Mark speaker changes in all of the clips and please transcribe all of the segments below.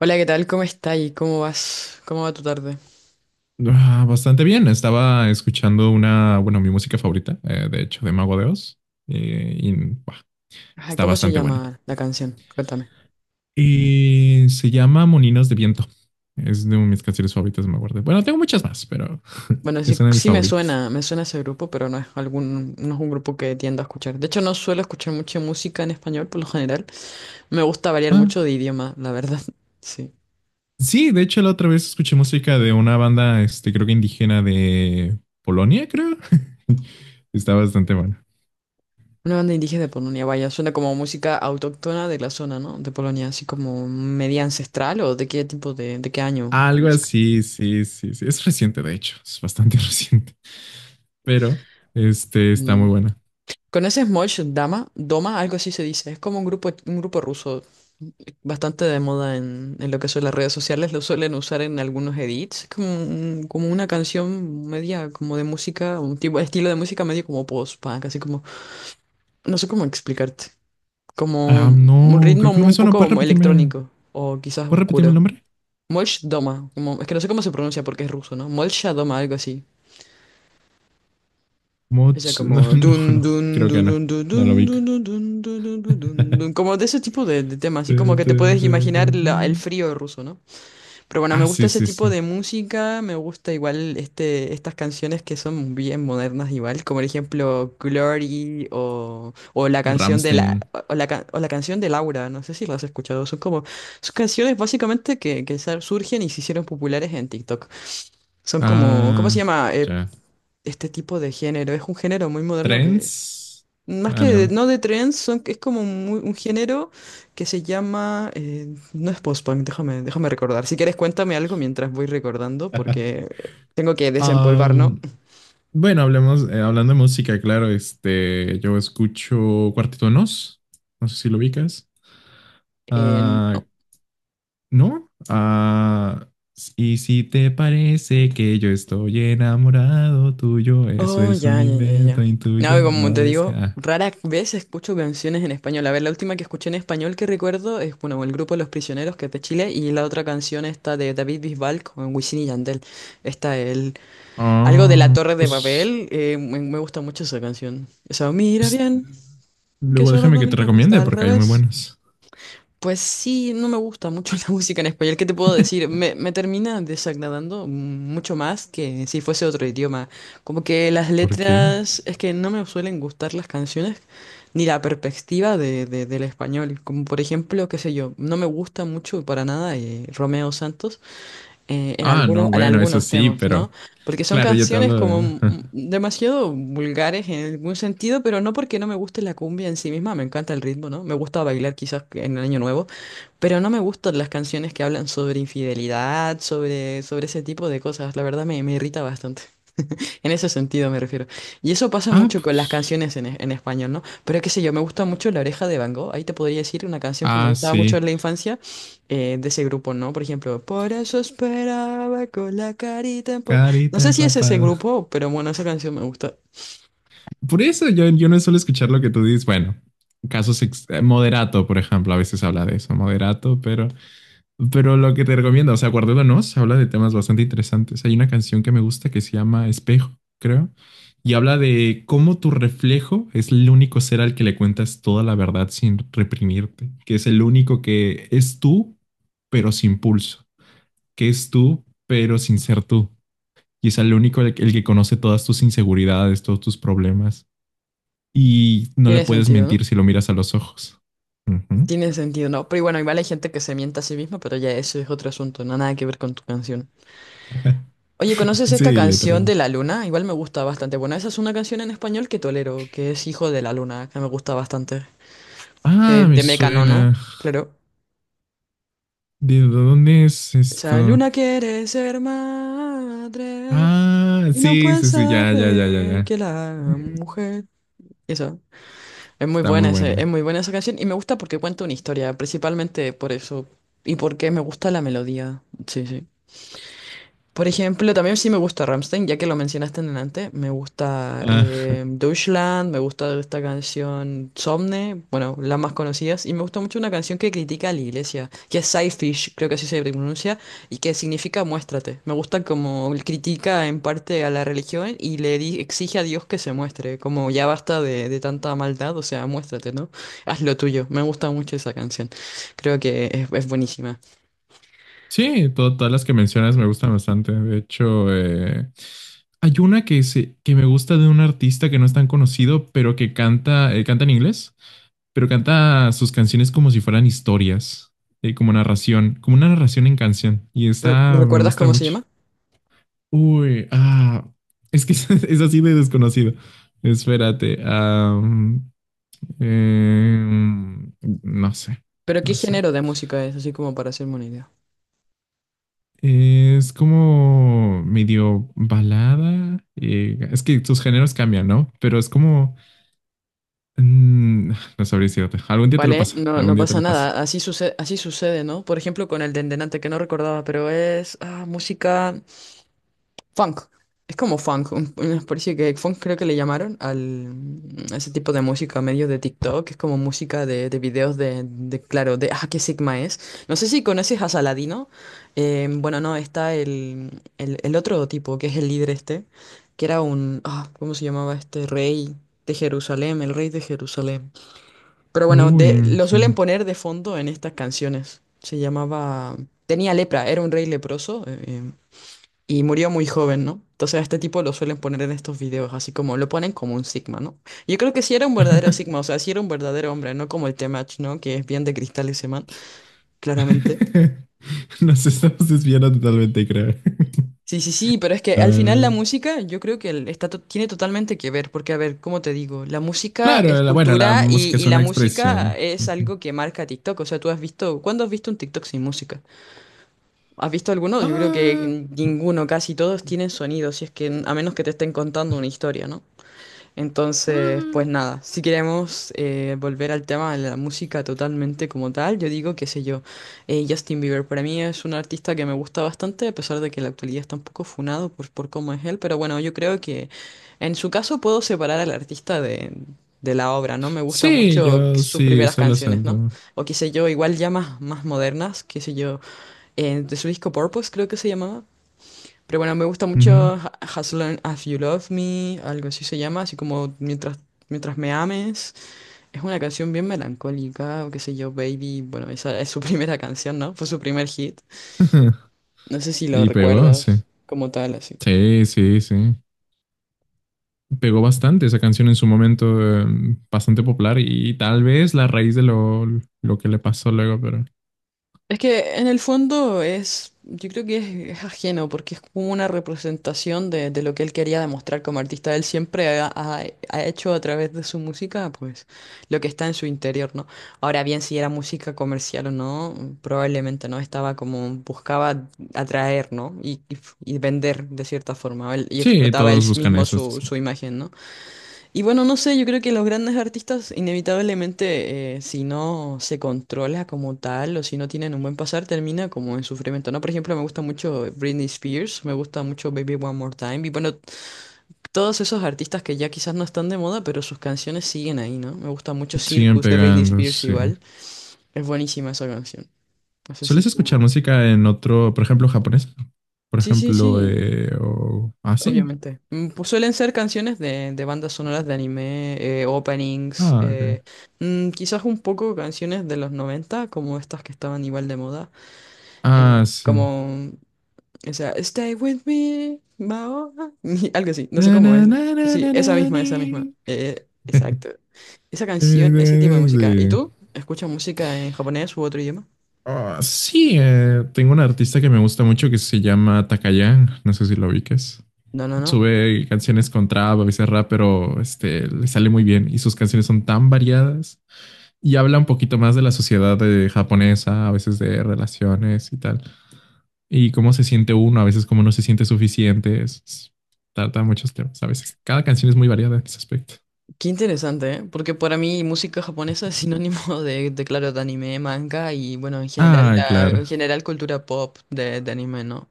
Speaker 1: Hola, ¿qué tal? ¿Cómo estás? ¿Y cómo vas? ¿Cómo va tu tarde?
Speaker 2: Ah, bastante bien. Estaba escuchando una, bueno, mi música favorita, de hecho, de Mago de Oz. Buah,
Speaker 1: Ajá,
Speaker 2: está
Speaker 1: ¿cómo se
Speaker 2: bastante buena.
Speaker 1: llama la canción? Cuéntame.
Speaker 2: Y se llama Moninos de Viento. Es de mis canciones favoritas, me acuerdo. Bueno, tengo muchas más, pero
Speaker 1: Bueno,
Speaker 2: es
Speaker 1: sí,
Speaker 2: una de mis
Speaker 1: sí
Speaker 2: favoritas.
Speaker 1: me suena ese grupo, pero no es un grupo que tiendo a escuchar. De hecho, no suelo escuchar mucha música en español por lo general. Me gusta variar mucho de
Speaker 2: Ah,
Speaker 1: idioma, la verdad. Sí.
Speaker 2: sí, de hecho, la otra vez escuché música de una banda, este, creo que indígena de Polonia, creo. Está bastante buena.
Speaker 1: Una banda indígena de Polonia, vaya, suena como música autóctona de la zona, ¿no? De Polonia, así como media ancestral o de qué tipo de qué año la
Speaker 2: Algo
Speaker 1: música.
Speaker 2: así, sí, sí, sí. Es reciente, de hecho. Es bastante reciente. Pero, este, está
Speaker 1: Mm.
Speaker 2: muy buena.
Speaker 1: ¿Con ese Mosh Dama? Doma, algo así se dice. Es como un grupo ruso bastante de moda en lo que son las redes sociales. Lo suelen usar en algunos edits. Es como, como una canción media, como de música, un tipo, estilo de música medio como post-punk, así como, no sé cómo explicarte. Como
Speaker 2: Ah,
Speaker 1: un
Speaker 2: no, creo que no me
Speaker 1: un
Speaker 2: suena.
Speaker 1: poco como electrónico o quizás
Speaker 2: ¿Puedes repetirme el
Speaker 1: oscuro.
Speaker 2: nombre?
Speaker 1: Molch Doma, como, es que no sé cómo se pronuncia porque es ruso, ¿no? Molch Doma, algo así. Esa
Speaker 2: Moch,
Speaker 1: como
Speaker 2: no, no,
Speaker 1: dun
Speaker 2: no,
Speaker 1: dun
Speaker 2: creo que
Speaker 1: dun dun
Speaker 2: no.
Speaker 1: dun
Speaker 2: No lo
Speaker 1: dun
Speaker 2: ubico.
Speaker 1: dun dun dun dun dun dun dun, dun, como de ese tipo de temas, así como
Speaker 2: Tu,
Speaker 1: que te
Speaker 2: tu,
Speaker 1: puedes
Speaker 2: tu,
Speaker 1: imaginar
Speaker 2: tu,
Speaker 1: el
Speaker 2: tu.
Speaker 1: frío ruso, ¿no? Pero bueno, me
Speaker 2: Ah,
Speaker 1: gusta
Speaker 2: sí,
Speaker 1: ese
Speaker 2: sí, sí.
Speaker 1: tipo de música, me gusta igual este, estas canciones que son bien modernas igual, como por ejemplo Glory o la canción de la
Speaker 2: Rammstein.
Speaker 1: o la, o la canción de Laura, no sé si las has escuchado, son como son canciones básicamente que surgen y se hicieron populares en TikTok. Son como, ¿cómo se
Speaker 2: Ah,
Speaker 1: llama?
Speaker 2: ya.
Speaker 1: Este tipo de género. Es un género muy moderno que,
Speaker 2: Trends.
Speaker 1: más
Speaker 2: Ah, no, no.
Speaker 1: no de trends, son, es como un género que se llama... no es post-punk, déjame recordar. Si quieres, cuéntame algo mientras voy recordando porque tengo que desempolvar, ¿no?
Speaker 2: Am, bueno, hablemos, hablando de música, claro, este, yo escucho Cuarteto de Nos. No sé si lo ubicas. Ah,
Speaker 1: No.
Speaker 2: ¿no? Ah, y si te parece que yo estoy enamorado tuyo, eso
Speaker 1: Oh,
Speaker 2: es un
Speaker 1: ya, ya, ya, ya.
Speaker 2: invento
Speaker 1: No,
Speaker 2: intuyo,
Speaker 1: y como
Speaker 2: no
Speaker 1: te digo,
Speaker 2: desga. Ah,
Speaker 1: rara vez escucho canciones en español. A ver, la última que escuché en español que recuerdo es, bueno, el grupo Los Prisioneros, que es de Chile, y la otra canción está de David Bisbal con Wisin y Yandel. Está el... Algo de la
Speaker 2: ah,
Speaker 1: Torre de
Speaker 2: pues,
Speaker 1: Babel, me gusta mucho esa canción. Esa, mira
Speaker 2: pues
Speaker 1: bien, que
Speaker 2: luego
Speaker 1: solo
Speaker 2: déjame que te
Speaker 1: bonito
Speaker 2: recomiende
Speaker 1: está al
Speaker 2: porque hay muy
Speaker 1: revés.
Speaker 2: buenos.
Speaker 1: Pues sí, no me gusta mucho la música en español. ¿Qué te puedo decir? Me termina desagradando mucho más que si fuese otro idioma. Como que las
Speaker 2: ¿Por qué?
Speaker 1: letras, es que no me suelen gustar las canciones ni la perspectiva de, del español. Como por ejemplo, qué sé yo, no me gusta mucho para nada Romeo Santos
Speaker 2: Ah, no,
Speaker 1: en
Speaker 2: bueno, eso
Speaker 1: algunos
Speaker 2: sí,
Speaker 1: temas, ¿no?
Speaker 2: pero
Speaker 1: Porque son
Speaker 2: claro, yo te
Speaker 1: canciones
Speaker 2: hablo
Speaker 1: como
Speaker 2: de...
Speaker 1: demasiado vulgares en algún sentido, pero no porque no me guste la cumbia en sí misma, me encanta el ritmo, ¿no? Me gusta bailar quizás en el Año Nuevo, pero no me gustan las canciones que hablan sobre infidelidad, sobre ese tipo de cosas, la verdad me irrita bastante. En ese sentido me refiero. Y eso pasa
Speaker 2: Ah,
Speaker 1: mucho con las
Speaker 2: pues.
Speaker 1: canciones en español, ¿no? Pero qué sé yo, me gusta mucho La Oreja de Van Gogh. Ahí te podría decir una canción que me
Speaker 2: Ah,
Speaker 1: gustaba mucho
Speaker 2: sí.
Speaker 1: en la infancia de ese grupo, ¿no? Por ejemplo, por eso esperaba con la carita en pop. No
Speaker 2: Carita
Speaker 1: sé si es ese
Speaker 2: empapada.
Speaker 1: grupo, pero bueno, esa canción me gusta.
Speaker 2: Por eso yo no suelo escuchar lo que tú dices. Bueno, moderato, por ejemplo, a veces habla de eso, moderato, pero... Pero lo que te recomiendo, o sea, Guardiola Nos habla de temas bastante interesantes. Hay una canción que me gusta que se llama Espejo, creo, y habla de cómo tu reflejo es el único ser al que le cuentas toda la verdad sin reprimirte, que es el único que es tú, pero sin pulso, que es tú, pero sin ser tú, y es el único el que conoce todas tus inseguridades, todos tus problemas, y no le
Speaker 1: Tiene
Speaker 2: puedes
Speaker 1: sentido, ¿no?
Speaker 2: mentir si lo miras a los ojos. Ujú.
Speaker 1: Tiene sentido, ¿no? Pero bueno, igual hay gente que se mienta a sí misma, pero ya eso es otro asunto, no nada que ver con tu canción. Oye, ¿conoces esta
Speaker 2: Sí,
Speaker 1: canción de
Speaker 2: literalmente.
Speaker 1: La Luna? Igual me gusta bastante. Bueno, esa es una canción en español que tolero, que es Hijo de la Luna, que me gusta bastante.
Speaker 2: Ah, me
Speaker 1: De Mecano, ¿no?
Speaker 2: suena.
Speaker 1: Claro.
Speaker 2: ¿De dónde es
Speaker 1: Esa
Speaker 2: esto?
Speaker 1: luna quiere ser madre
Speaker 2: Ah,
Speaker 1: y no
Speaker 2: sí, sí, sí,
Speaker 1: puede
Speaker 2: ya, ya, ya, ya,
Speaker 1: creer que
Speaker 2: ya.
Speaker 1: la
Speaker 2: Mm,
Speaker 1: mujer. Eso. Es muy
Speaker 2: está muy
Speaker 1: buena ese,
Speaker 2: buena.
Speaker 1: es muy buena esa canción y me gusta porque cuenta una historia, principalmente por eso. Y porque me gusta la melodía. Sí, sí. Por ejemplo, también sí me gusta Rammstein, ya que lo mencionaste en delante. Me gusta
Speaker 2: Ah,
Speaker 1: Deutschland, me gusta esta canción Somne, bueno, las más conocidas. Y me gusta mucho una canción que critica a la iglesia, que es Sidefish, creo que así se pronuncia, y que significa muéstrate. Me gusta como él critica en parte a la religión y exige a Dios que se muestre, como ya basta de tanta maldad, o sea, muéstrate, ¿no? Haz lo tuyo. Me gusta mucho esa canción. Creo que es buenísima.
Speaker 2: sí, todas las que mencionas me gustan bastante. De hecho, hay una que, se, que me gusta de un artista que no es tan conocido, pero que canta, canta en inglés, pero canta sus canciones como si fueran historias, como narración, como una narración en canción. Y esta me
Speaker 1: ¿Recuerdas
Speaker 2: gusta
Speaker 1: cómo se
Speaker 2: mucho.
Speaker 1: llama?
Speaker 2: Uy, ah, es que es, así de desconocido. Espérate, em, no sé,
Speaker 1: Pero ¿qué
Speaker 2: no sé.
Speaker 1: género de música es? Así como para hacerme una idea.
Speaker 2: Es como medio balada. Es que sus géneros cambian, ¿no? Pero es como, mm, no sabría decirte. Algún día te lo
Speaker 1: Vale,
Speaker 2: pasa,
Speaker 1: no,
Speaker 2: algún
Speaker 1: no
Speaker 2: día te
Speaker 1: pasa
Speaker 2: lo pasa.
Speaker 1: nada. Así sucede, ¿no? Por ejemplo, con el Dendenante, que no recordaba, pero es música. Funk. Es como funk, una especie que funk creo que le llamaron al a ese tipo de música medio de TikTok, que es como música de videos claro, de qué Sigma es. No sé si conoces a Saladino. Bueno, no, está el otro tipo, que es el líder este, que era un, ¿cómo se llamaba este? Rey de Jerusalén, el rey de Jerusalén. Pero bueno, de,
Speaker 2: Uy,
Speaker 1: lo
Speaker 2: sí.
Speaker 1: suelen poner de fondo en estas canciones. Se llamaba, tenía lepra, era un rey leproso. Y murió muy joven, ¿no? Entonces a este tipo lo suelen poner en estos videos, así como lo ponen como un Sigma, ¿no? Yo creo que sí era un verdadero Sigma, o sea, sí era un verdadero hombre, no como el Temach, ¿no? Que es bien de cristal ese man, claramente.
Speaker 2: Nos estamos desviando totalmente, creo.
Speaker 1: Sí, sí, sí, pero es que al final
Speaker 2: Ah,
Speaker 1: la música yo creo que tiene totalmente que ver, porque a ver, ¿cómo te digo? La música es
Speaker 2: claro, bueno, la
Speaker 1: cultura
Speaker 2: música
Speaker 1: y
Speaker 2: es
Speaker 1: la
Speaker 2: una
Speaker 1: música
Speaker 2: expresión.
Speaker 1: es algo que marca TikTok, o sea, tú has visto, ¿cuándo has visto un TikTok sin música? ¿Has visto alguno? Yo creo
Speaker 2: Ah,
Speaker 1: que ninguno, casi todos tienen sonido, si es que a menos que te estén contando una historia, ¿no? Entonces, pues
Speaker 2: ah.
Speaker 1: nada, si queremos volver al tema de la música totalmente como tal, yo digo, qué sé yo, Justin Bieber para mí es un artista que me gusta bastante, a pesar de que en la actualidad está un poco funado por cómo es él, pero bueno, yo creo que en su caso puedo separar al artista de la obra, ¿no? Me gustan
Speaker 2: Sí,
Speaker 1: mucho
Speaker 2: yo
Speaker 1: sus
Speaker 2: sí,
Speaker 1: primeras
Speaker 2: solo
Speaker 1: canciones, ¿no?
Speaker 2: siento.
Speaker 1: O qué sé yo, igual ya más, más modernas, qué sé yo, de su disco Purpose creo que se llamaba. Pero bueno, me gusta
Speaker 2: Ujú.
Speaker 1: mucho As Long As You Love Me, algo así se llama, así como mientras me ames. Es una canción bien melancólica, o qué sé yo, Baby. Bueno, esa es su primera canción, ¿no? Fue su primer hit. No sé si lo
Speaker 2: Y pegó, sí.
Speaker 1: recuerdas como tal, así.
Speaker 2: Sí, sí, sí. Pegó bastante esa canción en su momento, bastante popular y tal vez la raíz de lo que le pasó luego, pero
Speaker 1: Es que en el fondo es, yo creo que es ajeno, porque es como una representación de lo que él quería demostrar como artista. Él siempre ha hecho a través de su música, pues, lo que está en su interior, ¿no? Ahora bien, si era música comercial o no, probablemente no, estaba como, buscaba atraer, ¿no? Y y vender de cierta forma. Y
Speaker 2: sí,
Speaker 1: explotaba él
Speaker 2: todos buscan
Speaker 1: mismo
Speaker 2: eso, esto es
Speaker 1: su, su
Speaker 2: cierto.
Speaker 1: imagen, ¿no? Y bueno, no sé, yo creo que los grandes artistas inevitablemente, si no se controla como tal o si no tienen un buen pasar, termina como en sufrimiento, ¿no? Por ejemplo, me gusta mucho Britney Spears, me gusta mucho Baby One More Time y bueno, todos esos artistas que ya quizás no están de moda, pero sus canciones siguen ahí, ¿no? Me gusta mucho
Speaker 2: Siguen
Speaker 1: Circus de Britney
Speaker 2: pegando,
Speaker 1: Spears
Speaker 2: sí.
Speaker 1: igual, es buenísima esa canción. No sé si
Speaker 2: ¿Sueles
Speaker 1: tú...
Speaker 2: escuchar música en otro, por ejemplo, japonés? Por
Speaker 1: Sí, sí,
Speaker 2: ejemplo,
Speaker 1: sí.
Speaker 2: o... Ah, sí.
Speaker 1: Obviamente. Mm, pues suelen ser canciones de bandas sonoras de anime, openings,
Speaker 2: Ah, ok.
Speaker 1: quizás un poco canciones de los 90 como estas que estaban igual de moda,
Speaker 2: Ah, sí.
Speaker 1: como esa Stay with me, Maoa, algo así, no sé
Speaker 2: Na,
Speaker 1: cómo
Speaker 2: na,
Speaker 1: es.
Speaker 2: na, na,
Speaker 1: Sí,
Speaker 2: na,
Speaker 1: esa
Speaker 2: na,
Speaker 1: misma,
Speaker 2: ni.
Speaker 1: esa misma. Exacto. Esa canción, ese tipo de música. ¿Y
Speaker 2: Sí,
Speaker 1: tú? ¿Escuchas música en japonés u otro idioma?
Speaker 2: ah, sí, tengo un artista que me gusta mucho que se llama Takayan. No sé si lo ubiques.
Speaker 1: No, no, no.
Speaker 2: Sube canciones con trap, a veces rap, pero este, le sale muy bien. Y sus canciones son tan variadas y habla un poquito más de la sociedad japonesa, a veces de relaciones y tal. Y cómo se siente uno, a veces cómo no se siente suficiente. Trata muchos temas, a veces. Cada canción es muy variada en ese aspecto.
Speaker 1: Qué interesante, ¿eh? Porque para mí música japonesa es sinónimo de, claro, de anime, manga y, bueno, en general,
Speaker 2: Ah,
Speaker 1: la, en
Speaker 2: claro.
Speaker 1: general cultura pop de anime, ¿no?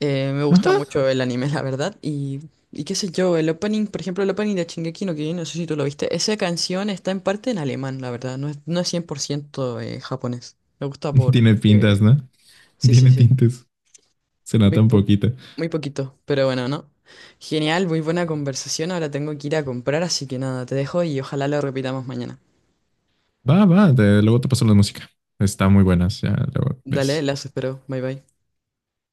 Speaker 1: Me gusta
Speaker 2: Ajá.
Speaker 1: mucho el anime, la verdad, y qué sé yo, el opening, por ejemplo, el opening de Shingeki no Kyojin, no sé si tú lo viste, esa canción está en parte en alemán, la verdad, no es 100% japonés. Me gusta por...
Speaker 2: Tiene pintas, ¿no?
Speaker 1: sí, sí,
Speaker 2: Tiene
Speaker 1: sí.
Speaker 2: tintes. Suena
Speaker 1: Muy,
Speaker 2: tan
Speaker 1: po-
Speaker 2: poquita.
Speaker 1: muy poquito, pero bueno, ¿no? Genial, muy buena conversación. Ahora tengo que ir a comprar, así que nada, te dejo y ojalá lo repitamos mañana.
Speaker 2: Va, va, luego te paso la música. Está muy buenas, ya luego
Speaker 1: Dale,
Speaker 2: ves.
Speaker 1: las espero. Bye bye.